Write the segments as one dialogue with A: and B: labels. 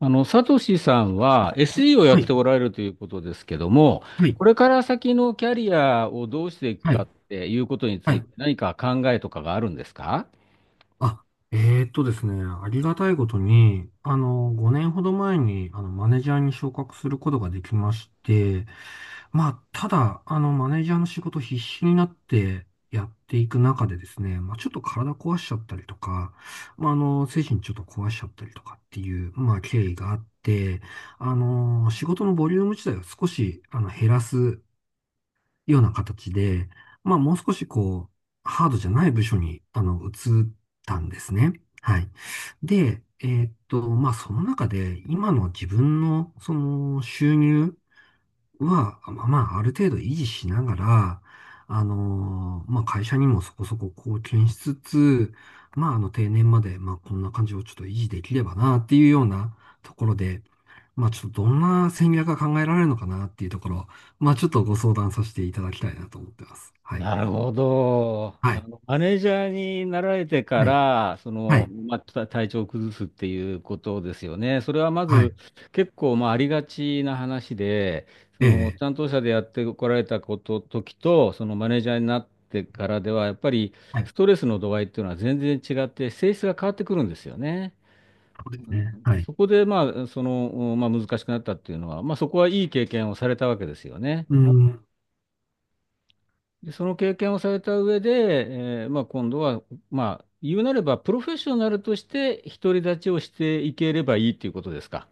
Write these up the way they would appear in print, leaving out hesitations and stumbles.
A: サトシさんは SE をやっ
B: は
A: て
B: い、
A: おられるということですけども、
B: はい、
A: これから先のキャリアをどうしていく
B: は
A: かっ
B: い、
A: ていうことに
B: は
A: つい
B: い。
A: て何か考えとかがあるんですか？
B: あ、ですね、ありがたいことに、5年ほど前に、マネージャーに昇格することができまして、まあ、ただ、マネージャーの仕事必死になってやっていく中でですね、まあ、ちょっと体壊しちゃったりとか、まあ、精神ちょっと壊しちゃったりとかっていう、まあ、経緯があって、仕事のボリューム自体を少し、減らすような形で、まあもう少しこう、ハードじゃない部署に、移ったんですね。はい。で、まあその中で、今の自分のその収入、まあ、まあ、まあある程度維持しながら、まあ、会社にもそこそこ貢献しつつ、まあ、定年まで、まあ、こんな感じをちょっと維持できればな、っていうようなところで、まあ、ちょっとどんな戦略が考えられるのかな、っていうところ、まあ、ちょっとご相談させていただきたいなと思ってます。はい。
A: なるほど。
B: はい。
A: マネージャーになられてか
B: はい。
A: ら、
B: はい。
A: 体調を崩すっていうことですよね。それはま
B: は
A: ず
B: い。
A: 結構、ありがちな話で、そ
B: え
A: の、
B: え。
A: 担当者でやってこられた時と、そのマネージャーになってからでは、やっぱり
B: は
A: ス
B: い。
A: トレスの度合いっていうのは全然違って、性質が変わってくるんですよね。
B: そう
A: う
B: ですね。
A: ん、
B: はい。
A: そこで、難しくなったっていうのは、まあ、そこはいい経験をされたわけですよね。
B: うん。
A: で、その経験をされた上で、今度は、まあ、言うなれば、プロフェッショナルとして独り立ちをしていければいいということですか。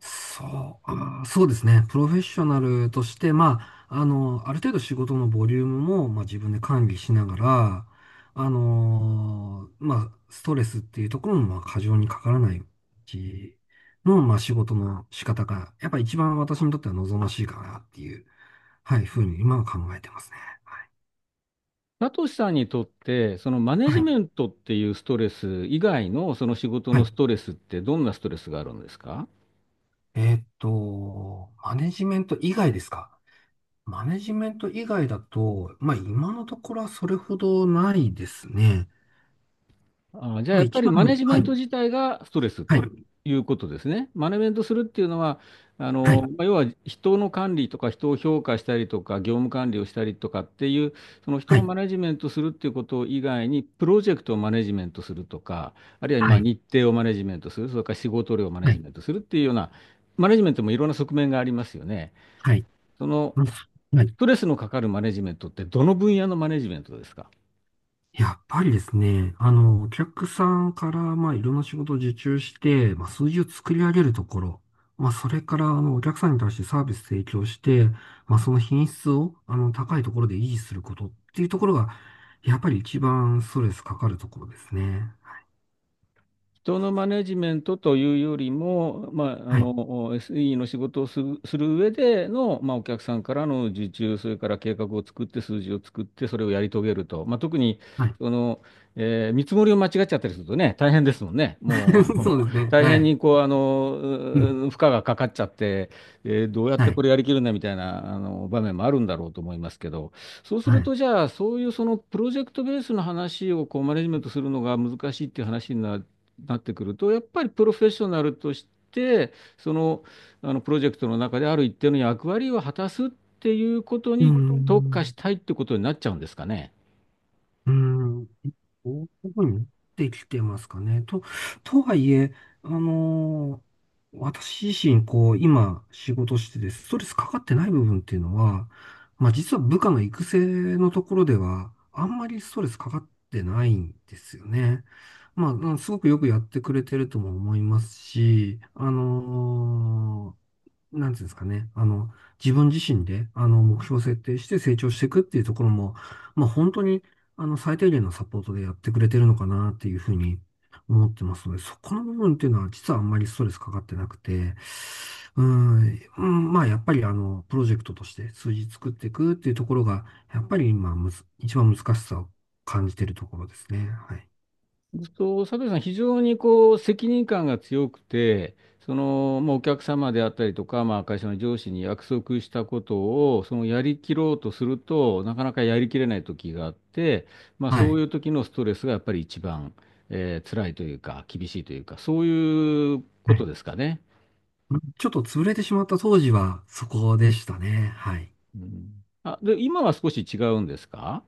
B: そう、あー、そうですね。プロフェッショナルとして、まあ、ある程度仕事のボリュームも、まあ、自分で管理しながら、まあ、ストレスっていうところも、まあ、過剰にかからないうちの、まあ、仕事の仕方が、やっぱ一番私にとっては望ましいかなっていう、はい、ふうに今は考えてますね。は
A: サトシさんにとって、そのマネ
B: い。
A: ジ
B: は
A: メントっていうストレス以外のその仕事
B: い。は
A: の
B: い。
A: ストレスってどんなストレスがあるんですか？
B: マネジメント以外ですか？マネジメント以外だと、まあ今のところはそれほどないですね。
A: ああ、じゃあ
B: まあ
A: やっぱ
B: 一
A: り
B: 番、
A: マネジメ
B: は
A: ン
B: い、
A: ト自体がストレス
B: はい、
A: ということですね。マネジメントするっていうのは、
B: はい、
A: まあ要は人の管理とか人を評価したりとか業務管理をしたりとかっていう、その人
B: は
A: を
B: い、
A: マネジメントするっていうこと以外に、プロジェクトをマネジメントするとか、あるいは
B: は
A: まあ
B: い、
A: 日程をマネジメントする、それから仕事量をマネ
B: は
A: ジ
B: い、
A: メントするっていうような、マネジメントもいろんな側面がありますよね。
B: はい、
A: その、
B: うん、は
A: ス
B: い。
A: トレスのかかるマネジメントってどの分野のマネジメントですか？
B: やっぱりですね、お客さんから、まあいろんな仕事を受注して、まあ数字を作り上げるところ、まあそれから、お客さんに対してサービス提供して、まあその品質を、高いところで維持することっていうところが、やっぱり一番ストレスかかるところですね。
A: 人のマネジメントというよりも、
B: はい。
A: SE の仕事をする上での、まあ、お客さんからの受注、それから計画を作って、数字を作って、それをやり遂げると、まあ、特に
B: はい。
A: その、えー見積もりを間違っちゃったりするとね、大変ですもんね。もうあ
B: そ
A: の
B: うですね。
A: 大
B: は
A: 変に
B: い。
A: こうあのう
B: ううん。ん、
A: ー負荷がかかっちゃって、えーどうやっ
B: は
A: て
B: い。
A: これやりきるんだみたいなあの場面もあるんだろうと思いますけど。そうす
B: は
A: る
B: い。
A: と、じゃあ、そういうそのプロジェクトベースの話をこうマネジメントするのが難しいっていう話になってくると、やっぱりプロフェッショナルとして、その、あのプロジェクトの中である一定の役割を果たすっていうこと
B: うー
A: に
B: こ
A: 特化し
B: ん。
A: たいってことになっちゃうんですかね。
B: うーん。どこに持ってきてますかね。とはいえ、あのー私自身、こう、今、仕事してて、ストレスかかってない部分っていうのは、まあ、実は部下の育成のところでは、あんまりストレスかかってないんですよね。まあ、うん、すごくよくやってくれてるとも思いますし、なんていうんですかね、自分自身で、目標を設定して成長していくっていうところも、まあ、本当に、最低限のサポートでやってくれてるのかなっていうふうに思ってますので、そこの部分っていうのは実はあんまりストレスかかってなくて、うーん、うん、まあ、やっぱりプロジェクトとして数字作っていくっていうところが、やっぱり今むず、一番難しさを感じてるところですね。はい。
A: そう佐藤さん、非常にこう責任感が強くて、そのまあお客様であったりとか、まあ、会社の上司に約束したことをそのやりきろうとすると、なかなかやりきれない時があって、まあ、
B: は
A: そう
B: い。
A: いう時のストレスがやっぱり一番、えー辛いというか、厳しいというか、そういうこ
B: は
A: と
B: い。
A: ですかね。
B: ちょっと潰れてしまった当時はそこでしたね。はい。
A: うん。あ、で、今は少し違うんですか？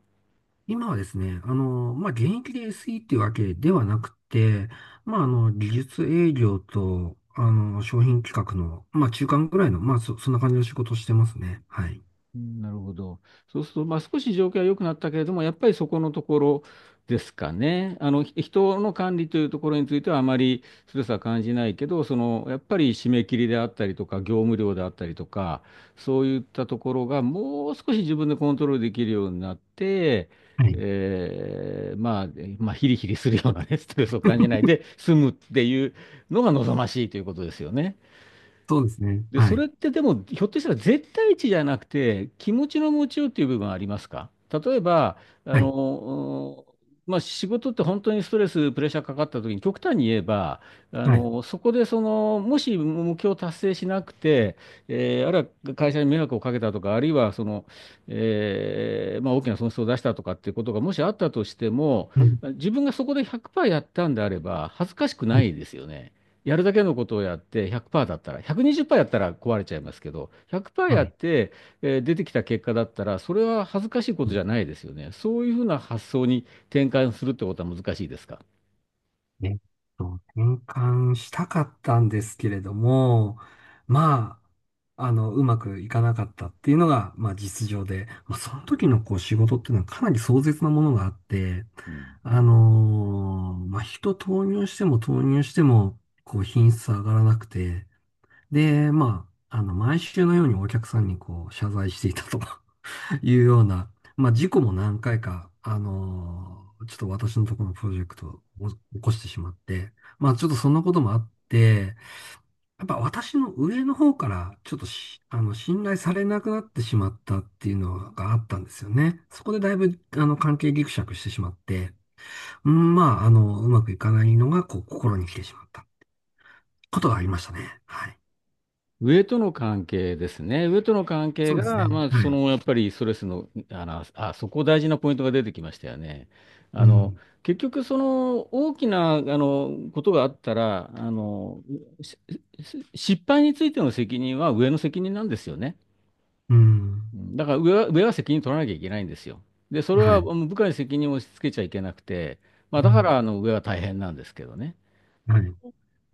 B: 今はですね、まあ、現役で SE っていうわけではなくて、まあ、技術営業と、商品企画の、まあ、中間ぐらいの、まあ、そんな感じの仕事をしてますね。はい。
A: うんなるほど。そうすると、まあ、少し状況は良くなったけれども、やっぱりそこのところですかね。あの、人の管理というところについてはあまりストレスは感じないけど、その、やっぱり締め切りであったりとか、業務量であったりとか、そういったところがもう少し自分でコントロールできるようになって、
B: はい。
A: えーまあ、ヒリヒリするようなね、ストレスを感じないで済むっていうのが望ましいということですよね。
B: そうですね。
A: で、
B: は
A: それ
B: い。
A: ってでも、ひょっとしたら絶対値じゃなくて、気持ちの持ちようっていう部分はありますか？例えば、あ
B: はい。
A: の、まあ、仕事って本当にストレス、プレッシャーかかった時に、極端に言えば、あ
B: はい。
A: の、そこでその、もし目標を達成しなくて、えーあるいは会社に迷惑をかけたとか、あるいはその、えーまあ、大きな損失を出したとかっていうことがもしあったとしても、
B: うん。
A: 自分がそこで100%やったんであれば、恥ずかしく
B: う
A: な
B: ん、
A: いですよね。やるだけのことをやって100%だったら、120%やったら壊れちゃいますけど、100%
B: は
A: やっ
B: い。
A: て、えー出てきた結果だったら、それは恥ずかしいこ
B: う
A: と
B: ん、
A: じゃないですよね。そういうふうな発想に転換するってことは難しいですか？
B: えっ転換したかったんですけれども、まあ、うまくいかなかったっていうのが、まあ、実情で、まあ、その時のこう、仕事っていうのはかなり壮絶なものがあって、
A: うん。
B: まあ、人投入しても投入しても、こう、品質上がらなくて、で、まあ、毎週のようにお客さんにこう、謝罪していたと いうような、まあ、事故も何回か、ちょっと私のところのプロジェクトを起こしてしまって、まあ、ちょっとそんなこともあって、やっぱ私の上の方から、ちょっとし、あの、信頼されなくなってしまったっていうのがあったんですよね。そこでだいぶ、関係ギクシャクしてしまって、うん、まあ、うまくいかないのが、こう、心に来てしまったことがありましたね。はい。
A: 上との関係ですね。上との関係
B: そうですね。
A: が、まあ、
B: はい。
A: そのやっぱりストレスの、あの、あ、そこ大事なポイントが出てきましたよね。
B: う
A: あの、
B: ん。
A: 結局、その大きな、あの、ことがあったら、あの、しし失敗についての責任は上の責任なんですよね。
B: う
A: う
B: ん。
A: んだから上は責任取らなきゃいけないんですよ。で、それ
B: は
A: はも
B: い。
A: う部下に責任を押し付けちゃいけなくて、まあ、
B: う
A: だか
B: ん。
A: らあの上は大変なんですけどね。
B: はい。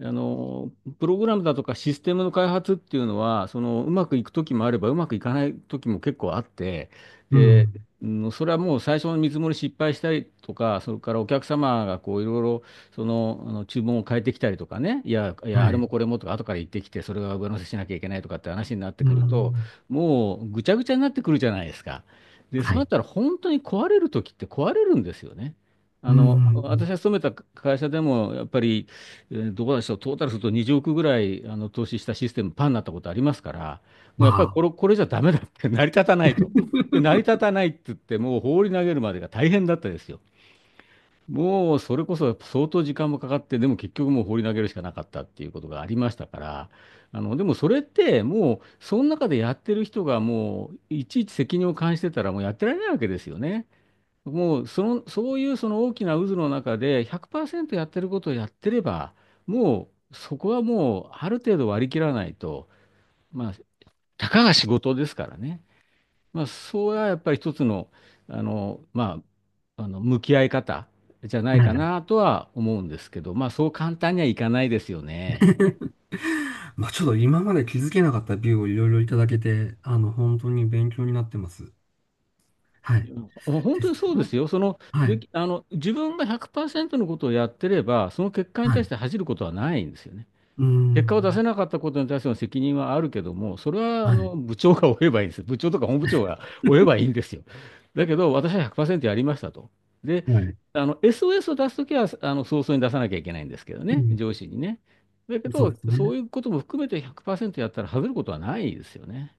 A: あの、プログラムだとかシステムの開発っていうのは、その、うまくいく時もあれば、うまくいかない時も結構あって、
B: う
A: で、
B: ん。
A: うんそれはもう最初の見積もり失敗したりとか、それからお客様がこういろいろその、あの注文を変えてきたりとかね、い
B: は
A: や、あれ
B: い。
A: もこれもとか、後から言ってきて、それが上乗せしなきゃいけないとかって話になって
B: う
A: くると、
B: ん。
A: もうぐちゃぐちゃになってくるじゃないですか。で、そ
B: は
A: うなっ
B: い。
A: たら本当に壊れる時って壊れるんですよね。
B: う
A: あの、私
B: ん。
A: が勤めた会社でも、やっぱり、えーどうでしょう、トータルすると20億ぐらいあの投資したシステム、パンになったことありますから、もうやっぱり
B: わ
A: これじゃダメだって、成り立た
B: あ。
A: ないと。で、成 り立たないって言って、もう放り投げるまでが大変だったですよ。もうそれこそ相当時間もかかって、でも結局もう放り投げるしかなかったっていうことがありましたから、あの、でもそれってもう、その中でやってる人がもう、いちいち責任を感じてたら、もうやってられないわけですよね。もうその、そういうその大きな渦の中で100%やってることをやってれば、もうそこはもうある程度割り切らないと、まあ、たかが仕事ですからね。まあ、そうはやっぱり一つの、あの、ま向き合い方じゃない
B: は
A: か
B: い。
A: なとは思うんですけど、まあ、そう簡単にはいかないですよね。
B: まあ、ちょっと今まで気づけなかったビューをいろいろいただけて、本当に勉強になってます。はい。
A: う本
B: で、
A: 当
B: そ
A: にそうで
B: の、
A: すよ。その、
B: は
A: で
B: い。
A: き、あの、自分が100%のことをやってれば、その結果に
B: は
A: 対
B: い。
A: して恥じることはないんですよね。
B: う
A: 結果を出
B: ん。
A: せなかったことに対しての責任はあるけども、それはあ
B: はい。
A: の部長が負えばいいんです。部長とか本部長が負えばい いんですよ。だけど、私は100%やりましたと。で、
B: はい。
A: あの SOS を出すときはあの早々に出さなきゃいけないんですけど
B: う
A: ね、
B: ん。
A: 上司にね。だけ
B: そう
A: ど、
B: です
A: そ
B: ね。
A: ういうことも含めて100%やったら外れることはないですよね。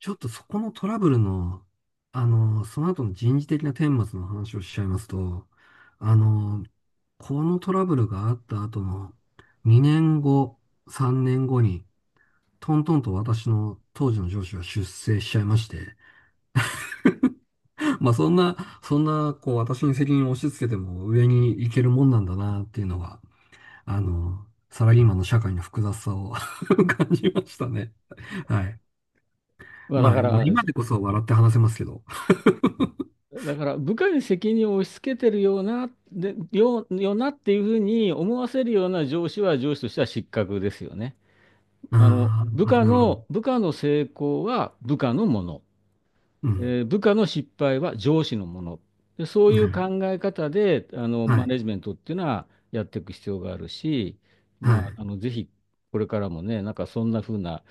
B: ちょっとそこのトラブルの、その後の人事的な顛末の話をしちゃいますと、あの、このトラブルがあった後の2年後、3年後に、トントンと私の当時の上司は出世しちゃいまして、まあ、そんな、こう私に責任を押し付けても上に行けるもんなんだなっていうのが、サラリーマンの社会の複雑さを 感じましたね。はい。
A: まあ、だ
B: ま
A: か
B: あ、まあ
A: ら、
B: 今でこそ笑って話せますけど。
A: だから部下に責任を押し付けてるような、で、よなっていうふうに思わせるような上司は上司としては失格ですよね。あの、
B: あーあ、なるほど。
A: 部下の成功は部下のもの、
B: うん。
A: えー部下の失敗は上司のもの。で、そう
B: は
A: い
B: い。
A: う考え方で、あの、
B: は
A: マ
B: い。
A: ネジメントっていうのはやっていく必要があるし、
B: は
A: ま
B: い。
A: あ、あの、ぜひ、これからもね、なんかそんな風な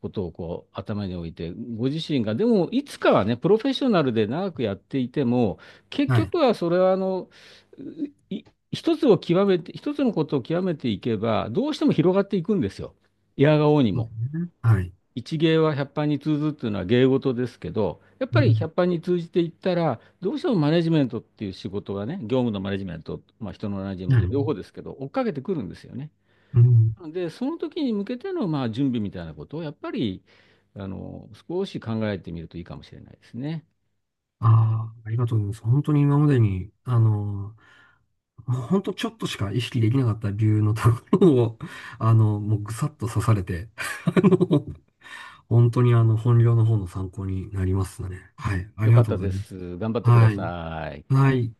A: ことをこう頭に置いて、ご自身が、でもいつかはね、プロフェッショナルで長くやっていても、結
B: はい。
A: 局はそれはあの、い一つのことを極めていけば、どうしても広がっていくんですよ。いやが応に
B: そうで
A: も。
B: すね。はい。
A: 一芸は百般に通ずっていうのは芸事ですけど、やっぱ
B: う
A: り
B: ん。
A: 百般に通じていったら、どうしてもマネジメントっていう仕事がね、業務のマネジメント、まあ、人のマネジメン
B: は
A: ト、両方
B: い。
A: ですけど、追っかけてくるんですよね。
B: うん。
A: なので、その時に向けてのまあ準備みたいなことを、やっぱりあの少し考えてみるといいかもしれないですね。
B: ああ、ありがとうございます。本当に今までに、もう本当ちょっとしか意識できなかった理由のところを、もうぐさっと刺されて、あの、本当に本業の方の参考になりますね。はい。あ
A: よ
B: り
A: か
B: が
A: っ
B: とう
A: た
B: ござい
A: で
B: ます。
A: す。頑張ってくだ
B: はい。
A: さい。
B: はい。